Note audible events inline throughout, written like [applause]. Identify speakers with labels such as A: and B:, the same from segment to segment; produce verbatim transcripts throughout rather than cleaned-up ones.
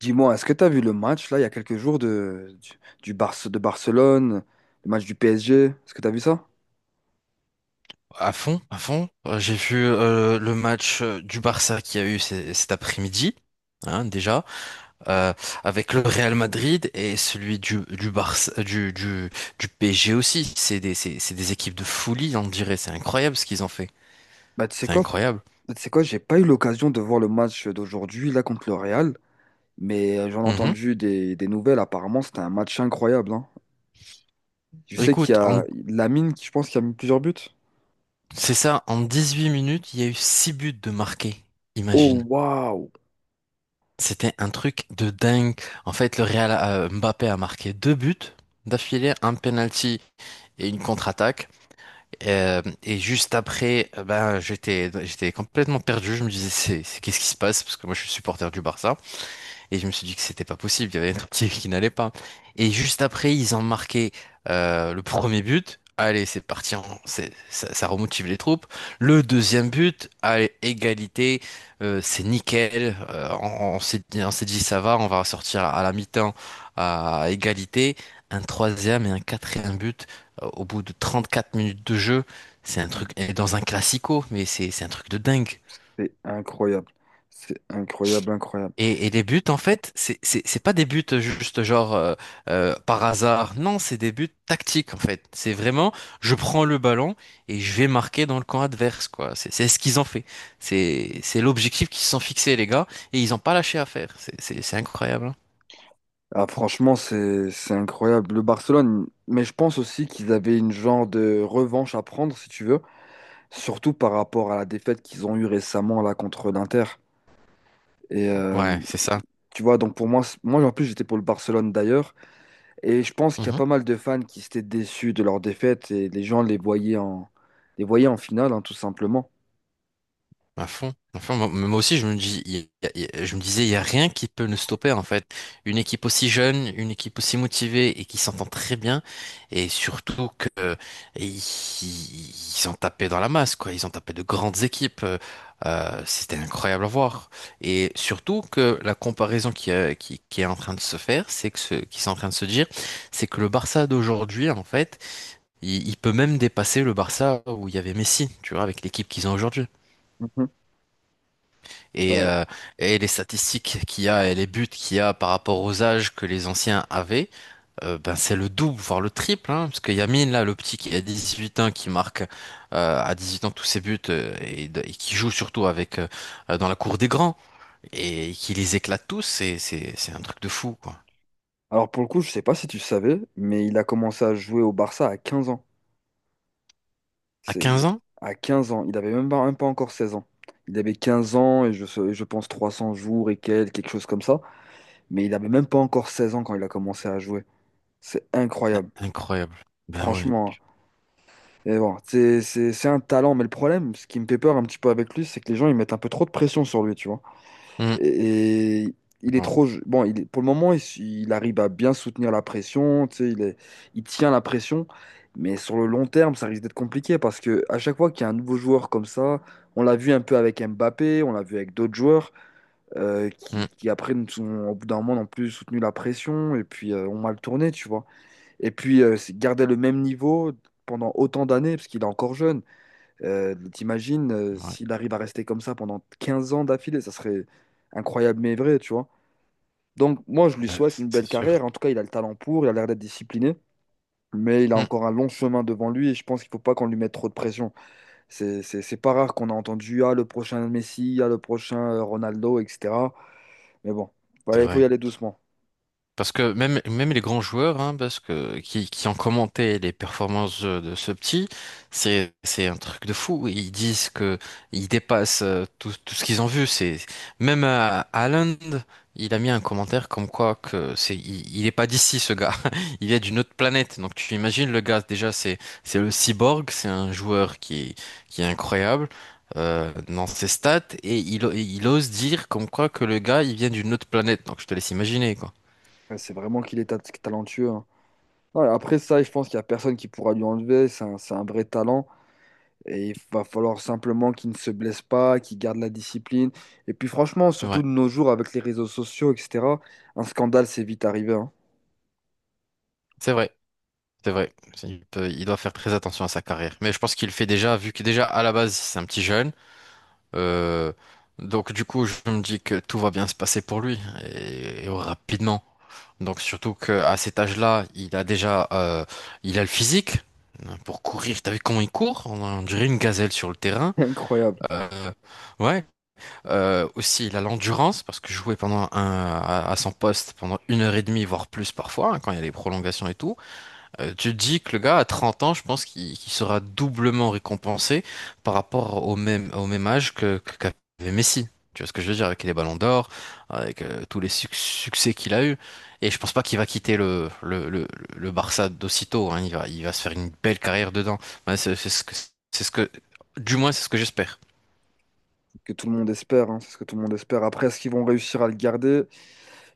A: Dis-moi, est-ce que tu as vu le match là il y a quelques jours de, du, du Barce- de Barcelone, le match du P S G? Est-ce que tu as vu ça?
B: À fond, à fond. Euh, J'ai vu euh, le match euh, du Barça qu'il y a eu c- cet après-midi, hein, déjà, euh, avec le Real Madrid et celui du du Barça, du du du P S G aussi. C'est des c'est c'est des équipes de folie, on dirait. C'est incroyable ce qu'ils ont fait.
A: Bah, tu sais
B: C'est
A: quoi?
B: incroyable.
A: Bah, Tu sais quoi, j'ai pas eu l'occasion de voir le match d'aujourd'hui là contre le Real, mais euh, j'en ai
B: Mhm.
A: entendu des, des nouvelles. Apparemment, c'était un match incroyable, hein. Je sais qu'il y
B: Écoute, en-
A: a Lamine qui, je pense, qui a mis plusieurs buts.
B: c'est ça. En dix-huit minutes, il y a eu six buts de marqués.
A: Oh,
B: Imagine.
A: waouh!
B: C'était un truc de dingue. En fait, le Real euh, Mbappé a marqué deux buts d'affilée, un penalty et une contre-attaque. Euh, et juste après, euh, ben, j'étais, j'étais complètement perdu. Je me disais, c'est, c'est- qu'est-ce qui se passe? Parce que moi, je suis supporter du Barça. Et je me suis dit que c'était pas possible, il y avait un truc qui, qui n'allait pas. Et juste après, ils ont marqué euh, le premier but. Allez, c'est parti, en- c'est- ça, ça remotive les troupes. Le deuxième but, allez, égalité, euh, c'est nickel. Euh, on on s'est dit, on s'est dit, ça va, on va sortir à la mi-temps à égalité. Un troisième et un quatrième but euh, au bout de trente-quatre minutes de jeu. C'est un truc, et dans un classico, mais c'est c'est un truc de dingue.
A: C'est incroyable. C'est incroyable, incroyable.
B: Et, et les buts, en fait, c'est c'est- c'est pas des buts juste genre euh, euh, par hasard. Non, c'est des buts tactiques, en fait. C'est vraiment, je prends le ballon et je vais marquer dans le camp adverse, quoi. C'est c'est ce qu'ils ont fait. C'est c'est l'objectif qu'ils se sont fixés, les gars, et ils ont pas lâché à faire. C'est c'est- c'est incroyable, hein.
A: Ah, franchement, c'est c'est incroyable. Le Barcelone, mais je pense aussi qu'ils avaient une genre de revanche à prendre, si tu veux, surtout par rapport à la défaite qu'ils ont eue récemment là contre l'Inter. Et euh,
B: Ouais, c'est ça.
A: tu vois, donc pour moi, c'est- moi en plus j'étais pour le Barcelone d'ailleurs, et je pense qu'il y a pas mal de fans qui s'étaient déçus de leur défaite et les gens les voyaient en les voyaient en finale, hein, tout simplement.
B: À fond. À fond. Moi moi aussi, je me dis, il y a- il y a- je me disais, il n'y a rien qui peut nous stopper, en fait. Une équipe aussi jeune, une équipe aussi motivée et qui s'entend très bien. Et surtout que, euh, ils, ils ont tapé dans la masse, quoi. Ils ont tapé de grandes équipes. Euh, euh, c'était incroyable à voir. Et surtout que la comparaison qui, euh, qui, qui est en train de se faire, c'est que ce, qui sont en train de se dire, c'est que le Barça d'aujourd'hui, en fait, il, il peut même dépasser le Barça où il y avait Messi, tu vois, avec l'équipe qu'ils ont aujourd'hui
A: Mhm.
B: et,
A: Ouais.
B: euh, et les statistiques qu'il y a et les buts qu'il y a par rapport aux âges que les anciens avaient, euh, ben c'est le double, voire le triple, hein, parce que Yamine, là, le petit qui a dix-huit ans, qui marque euh, à huit ans tous ses buts euh, et, de- et qui joue surtout avec euh, dans la cour des grands et qui les éclate tous, c'est, c'est, c'est un truc de fou, quoi.
A: Alors pour le coup, je sais pas si tu savais, mais il a commencé à jouer au Barça à quinze ans.
B: À
A: C'est
B: quinze ans?
A: à quinze ans. Il avait même pas, même pas encore seize ans. Il avait quinze ans et je, sais- je pense trois cents jours et quelques, quelque chose comme ça. Mais il avait même pas encore seize ans quand il a commencé à jouer. C'est incroyable,
B: Incroyable. Ben ouais.
A: franchement, hein. Et bon, c'est c'est- c'est un talent, mais le problème, ce qui me fait peur un petit peu avec lui, c'est que les gens ils mettent un peu trop de pression sur lui, tu vois.
B: Mm.
A: Et, il est
B: Bon.
A: trop. Bon, il est- pour le moment, il, il arrive à bien soutenir la pression, tu sais, il est- il tient la pression. Mais sur le long terme, ça risque d'être compliqué parce que à chaque fois qu'il y a un nouveau joueur comme ça, on l'a vu un peu avec Mbappé, on l'a vu avec d'autres joueurs euh, qui,
B: Mm.
A: qui après, nous sont, au bout d'un moment, n'ont plus soutenu la pression et puis euh, ont mal tourné, tu vois. Et puis, euh, c'est- garder le même niveau pendant autant d'années, parce qu'il est encore jeune, euh, t'imagines, euh,
B: Ouais.
A: s'il arrive à rester comme ça pendant quinze ans d'affilée, ça serait incroyable mais vrai, tu vois. Donc moi, je lui
B: Ben,
A: souhaite une
B: c'est
A: belle
B: sûr.
A: carrière. En tout cas, il a le talent pour, il a l'air d'être discipliné, mais il a
B: Mm.
A: encore un long chemin devant lui et je pense qu'il faut pas qu'on lui mette trop de pression. C'est, c'est, c'est pas rare qu'on a entendu, ah, le prochain Messi, ah, le prochain euh, Ronaldo, et cetera. Mais bon, voilà,
B: C'est
A: il faut y
B: vrai.
A: aller doucement.
B: Parce que même, même les grands joueurs, hein, parce que, qui, qui ont commenté les performances euh, de ce petit, c'est, c'est un truc de fou. Ils disent que ils dépassent euh, tout, tout ce qu'ils ont vu. C'est, même euh, Haaland, il a mis un commentaire comme quoi que c'est, il, il est pas d'ici, ce gars. [laughs] Il est d'une autre planète. Donc tu imagines le gars, déjà, c'est, c'est le cyborg, c'est un joueur qui, qui est incroyable. Euh, dans ses stats et il, il ose dire comme quoi que le gars il vient d'une autre planète, donc je te laisse imaginer quoi.
A: Ouais, c'est vraiment qu'il est ta- talentueux, hein. Ouais, après ça, je pense qu'il n'y a personne qui pourra lui enlever. C'est un, c'est un vrai talent. Et il va falloir simplement qu'il ne se blesse pas, qu'il garde la discipline. Et puis franchement, surtout
B: C'est
A: de nos jours avec les réseaux sociaux, et cetera, un scandale, c'est vite arrivé, hein.
B: C'est vrai, c'est vrai. Il peut- il doit faire très attention à sa carrière. Mais je pense qu'il le fait déjà, vu que déjà à la base, c'est un petit jeune. Euh, donc du coup, je me dis que tout va bien se passer pour lui et, et rapidement. Donc surtout qu'à cet âge-là, il a déjà, euh, il a le physique, hein, pour courir. T'as vu comment il court? On, on dirait une gazelle sur le terrain.
A: [laughs] Incroyable.
B: Euh, ouais. Euh, aussi, il a l'endurance parce que jouer pendant un, à, à son poste pendant une heure et demie, voire plus parfois, hein, quand il y a des prolongations et tout. Euh, tu te dis que le gars à trente ans, je pense qu'il qu'il sera doublement récompensé par rapport au même, au même âge que, que- qu'avait Messi. Tu vois ce que je veux dire avec les ballons d'or, avec euh, tous les suc- succès qu'il a eu. Et je pense pas qu'il va quitter le, le, le, le Barça d'aussitôt, hein. Il va, il va se faire une belle carrière dedans. Ouais, c'est c'est ce que, c'est ce que, du moins, c'est ce que j'espère.
A: Que tout le monde espère, hein, c'est ce que tout le monde espère. Après, est-ce qu'ils vont réussir à le garder?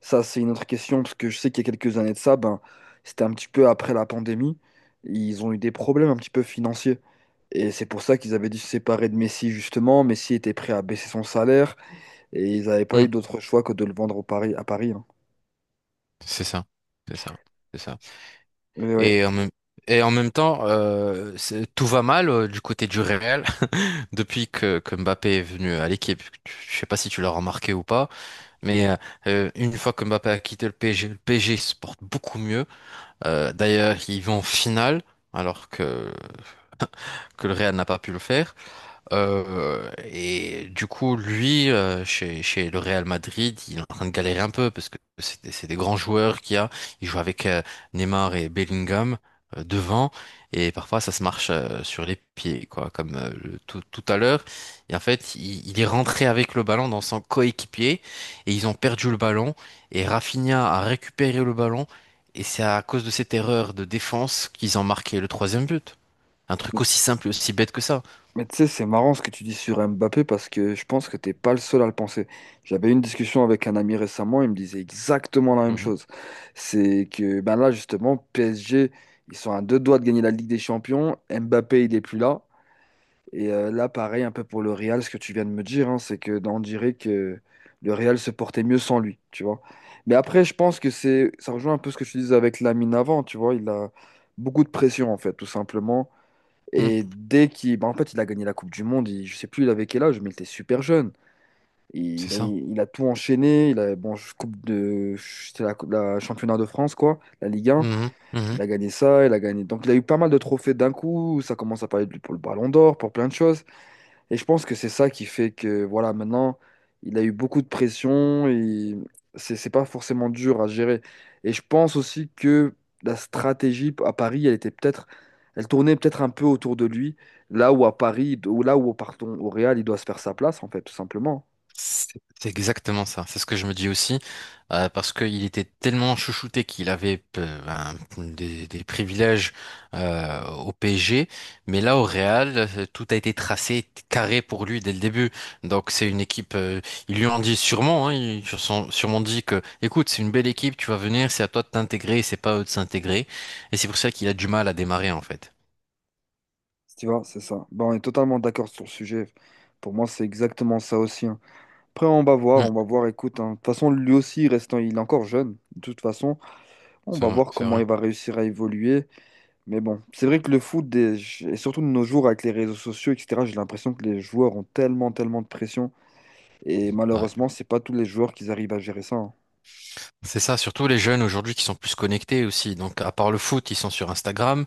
A: Ça, c'est une autre question, parce que je sais qu'il y a quelques années de ça, ben, c'était un petit peu après la pandémie. Ils ont eu des problèmes un petit peu financiers. Et c'est pour ça qu'ils avaient dû se séparer de Messi, justement. Messi était prêt à baisser son salaire et ils n'avaient pas
B: Hmm.
A: eu d'autre choix que de le vendre au Paris, à Paris, hein.
B: C'est ça. C'est ça. C'est ça.
A: Mais ouais.
B: Et en même, et en même temps, euh, c'est- tout va mal euh, du côté du Real. Depuis que, que Mbappé est venu à l'équipe, je sais pas si tu l'as remarqué ou pas, mais euh, euh, une fois que Mbappé a quitté le P S G, le P S G se porte beaucoup mieux. Euh, d'ailleurs, ils vont en finale, alors que, que le Real n'a pas pu le faire. Euh, et du coup, lui, euh, chez, chez le Real Madrid, il est en train de galérer un peu parce que c'est des, c'est des grands joueurs qu'il y a. Il joue avec euh, Neymar et Bellingham euh, devant et parfois ça se marche euh, sur les pieds, quoi, comme euh, le- tout, tout à l'heure. Et en fait, il, il est rentré avec le ballon dans son coéquipier et ils ont perdu le ballon et Rafinha a récupéré le ballon et c'est à cause de cette erreur de défense qu'ils ont marqué le troisième but. Un truc aussi simple et aussi bête que ça.
A: Mais tu sais, c'est marrant ce que tu dis sur Mbappé parce que je pense que t'es pas le seul à le penser. J'avais eu une discussion avec un ami récemment, il me disait exactement la même
B: Mhm.
A: chose. C'est que ben là justement, P S G, ils sont à deux doigts de gagner la Ligue des Champions. Mbappé, il est plus là. Et euh, là, pareil, un peu pour le Real, ce que tu viens de me dire, hein, c'est que ben, on dirait que le Real se portait mieux sans lui, tu vois. Mais après, je pense que c'est, ça rejoint un peu ce que je te disais avec Lamine avant, tu vois. Il a beaucoup de pression en fait, tout simplement.
B: Mm.
A: Et dès qu'il. Bah, en fait, il a gagné la Coupe du Monde. il- Je sais plus, il avait quel âge, mais il était super jeune.
B: C'est
A: Il a,
B: ça.
A: il a tout enchaîné. Il a, bon, je- coupe de. C'était la, la championnat de France, quoi. La Ligue un.
B: Mhm, mhm.
A: Il a gagné ça. Il a gagné. Donc, il a eu pas mal de trophées d'un coup. Ça commence à parler de lui pour le Ballon d'Or, pour plein de choses. Et je pense que c'est ça qui fait que, voilà, maintenant, il a eu beaucoup de pression et c'est c'est pas forcément dur à gérer. Et je pense aussi que la stratégie à Paris, elle était peut-être, elle tournait peut-être un peu autour de lui, là où à Paris, ou là où, pardon, au Real, il doit se faire sa place, en fait, tout simplement.
B: C'est c'est exactement ça. C'est ce que je me dis aussi. Euh, parce qu'il était tellement chouchouté qu'il avait euh, ben, des, des privilèges euh, au P S G. Mais là, au Real, euh, tout a été tracé carré pour lui dès le début. Donc, c'est une équipe. Euh, ils lui ont dit sûrement, hein, ils lui ont sûrement dit que, écoute, c'est une belle équipe, tu vas venir, c'est à toi de t'intégrer, c'est pas à eux de s'intégrer. Et c'est pour ça qu'il a du mal à démarrer, en fait.
A: Tu vois, c'est ça. Ben, on est totalement d'accord sur le sujet. Pour moi, c'est exactement ça aussi, hein. Après, on va voir, on
B: Mhm.
A: va voir, écoute, hein. De toute façon, lui aussi, restant, il est encore jeune. De toute façon, on
B: C'est
A: va
B: vrai,
A: voir
B: c'est
A: comment
B: vrai.
A: il va réussir à évoluer. Mais bon, c'est vrai que le foot, des- et surtout de nos jours avec les réseaux sociaux, et cetera, j'ai l'impression que les joueurs ont tellement, tellement de pression. Et
B: Ouais.
A: malheureusement, c'est pas tous les joueurs qui arrivent à gérer ça, hein.
B: C'est ça, surtout les jeunes aujourd'hui qui sont plus connectés aussi. Donc, à part le foot, ils sont sur Instagram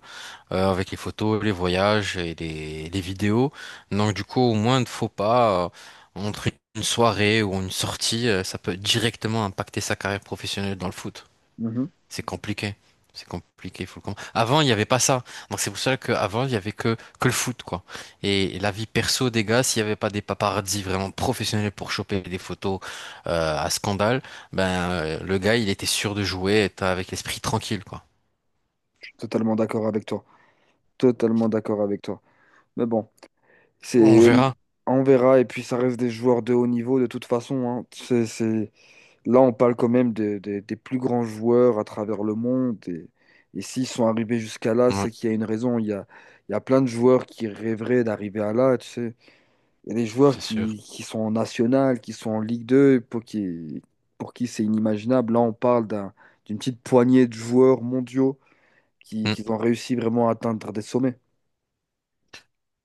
B: euh, avec les photos, les voyages et les, les vidéos. Donc, du coup, au moins, ne faut pas euh, entre une soirée ou une sortie, euh, ça peut directement impacter sa carrière professionnelle dans le foot.
A: Mhm.
B: C'est compliqué. C'est compliqué, faut le comprendre. Avant, il n'y avait pas ça. Donc c'est pour ça qu'avant, il y avait que, que le foot, quoi. Et la vie perso des gars, s'il n'y avait pas des paparazzis vraiment professionnels pour choper des photos euh, à scandale, ben euh, le gars, il était sûr de jouer, être avec l'esprit tranquille, quoi.
A: Je suis totalement d'accord avec toi. Totalement d'accord avec toi. Mais bon,
B: On
A: c'est...
B: verra.
A: on verra. Et puis, ça reste des joueurs de haut niveau de toute façon, hein. C'est, c'est... Là, on parle quand même des des- des plus grands joueurs à travers le monde. Et, et s'ils sont arrivés jusqu'à là,
B: Ouais,
A: c'est qu'il y a une raison. Il y a, il y a plein de joueurs qui rêveraient d'arriver à là, tu sais. Il y a des joueurs
B: c'est sûr.
A: qui, qui sont en national, qui sont en Ligue deux, pour qui, pour qui c'est inimaginable. Là, on parle d'un- d'une petite poignée de joueurs mondiaux qui, qui ont réussi vraiment à atteindre des sommets,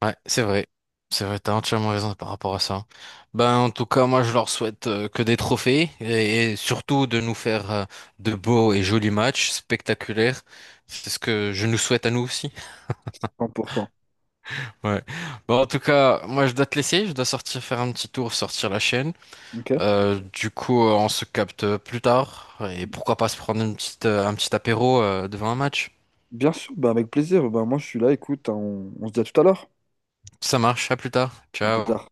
B: Ouais, c'est vrai. C'est vrai, t'as entièrement raison par rapport à ça. Ben, en tout cas, moi, je leur souhaite euh, que des trophées et, et surtout de nous faire euh, de beaux et jolis matchs spectaculaires. C'est ce que je nous souhaite à nous aussi. [laughs]
A: cent pour cent.
B: Ouais. Bon, en tout cas, moi, je dois te laisser. Je dois sortir faire un petit tour, sortir la chaîne.
A: Ok?
B: Euh, du coup, euh, on se capte plus tard et pourquoi pas se prendre une petite, euh, un petit apéro euh, devant un match.
A: Bien sûr, bah avec plaisir. Bah moi, je suis là, écoute, hein, on, on se dit à tout à l'heure.
B: Ça marche, à plus tard.
A: À plus
B: Ciao.
A: tard.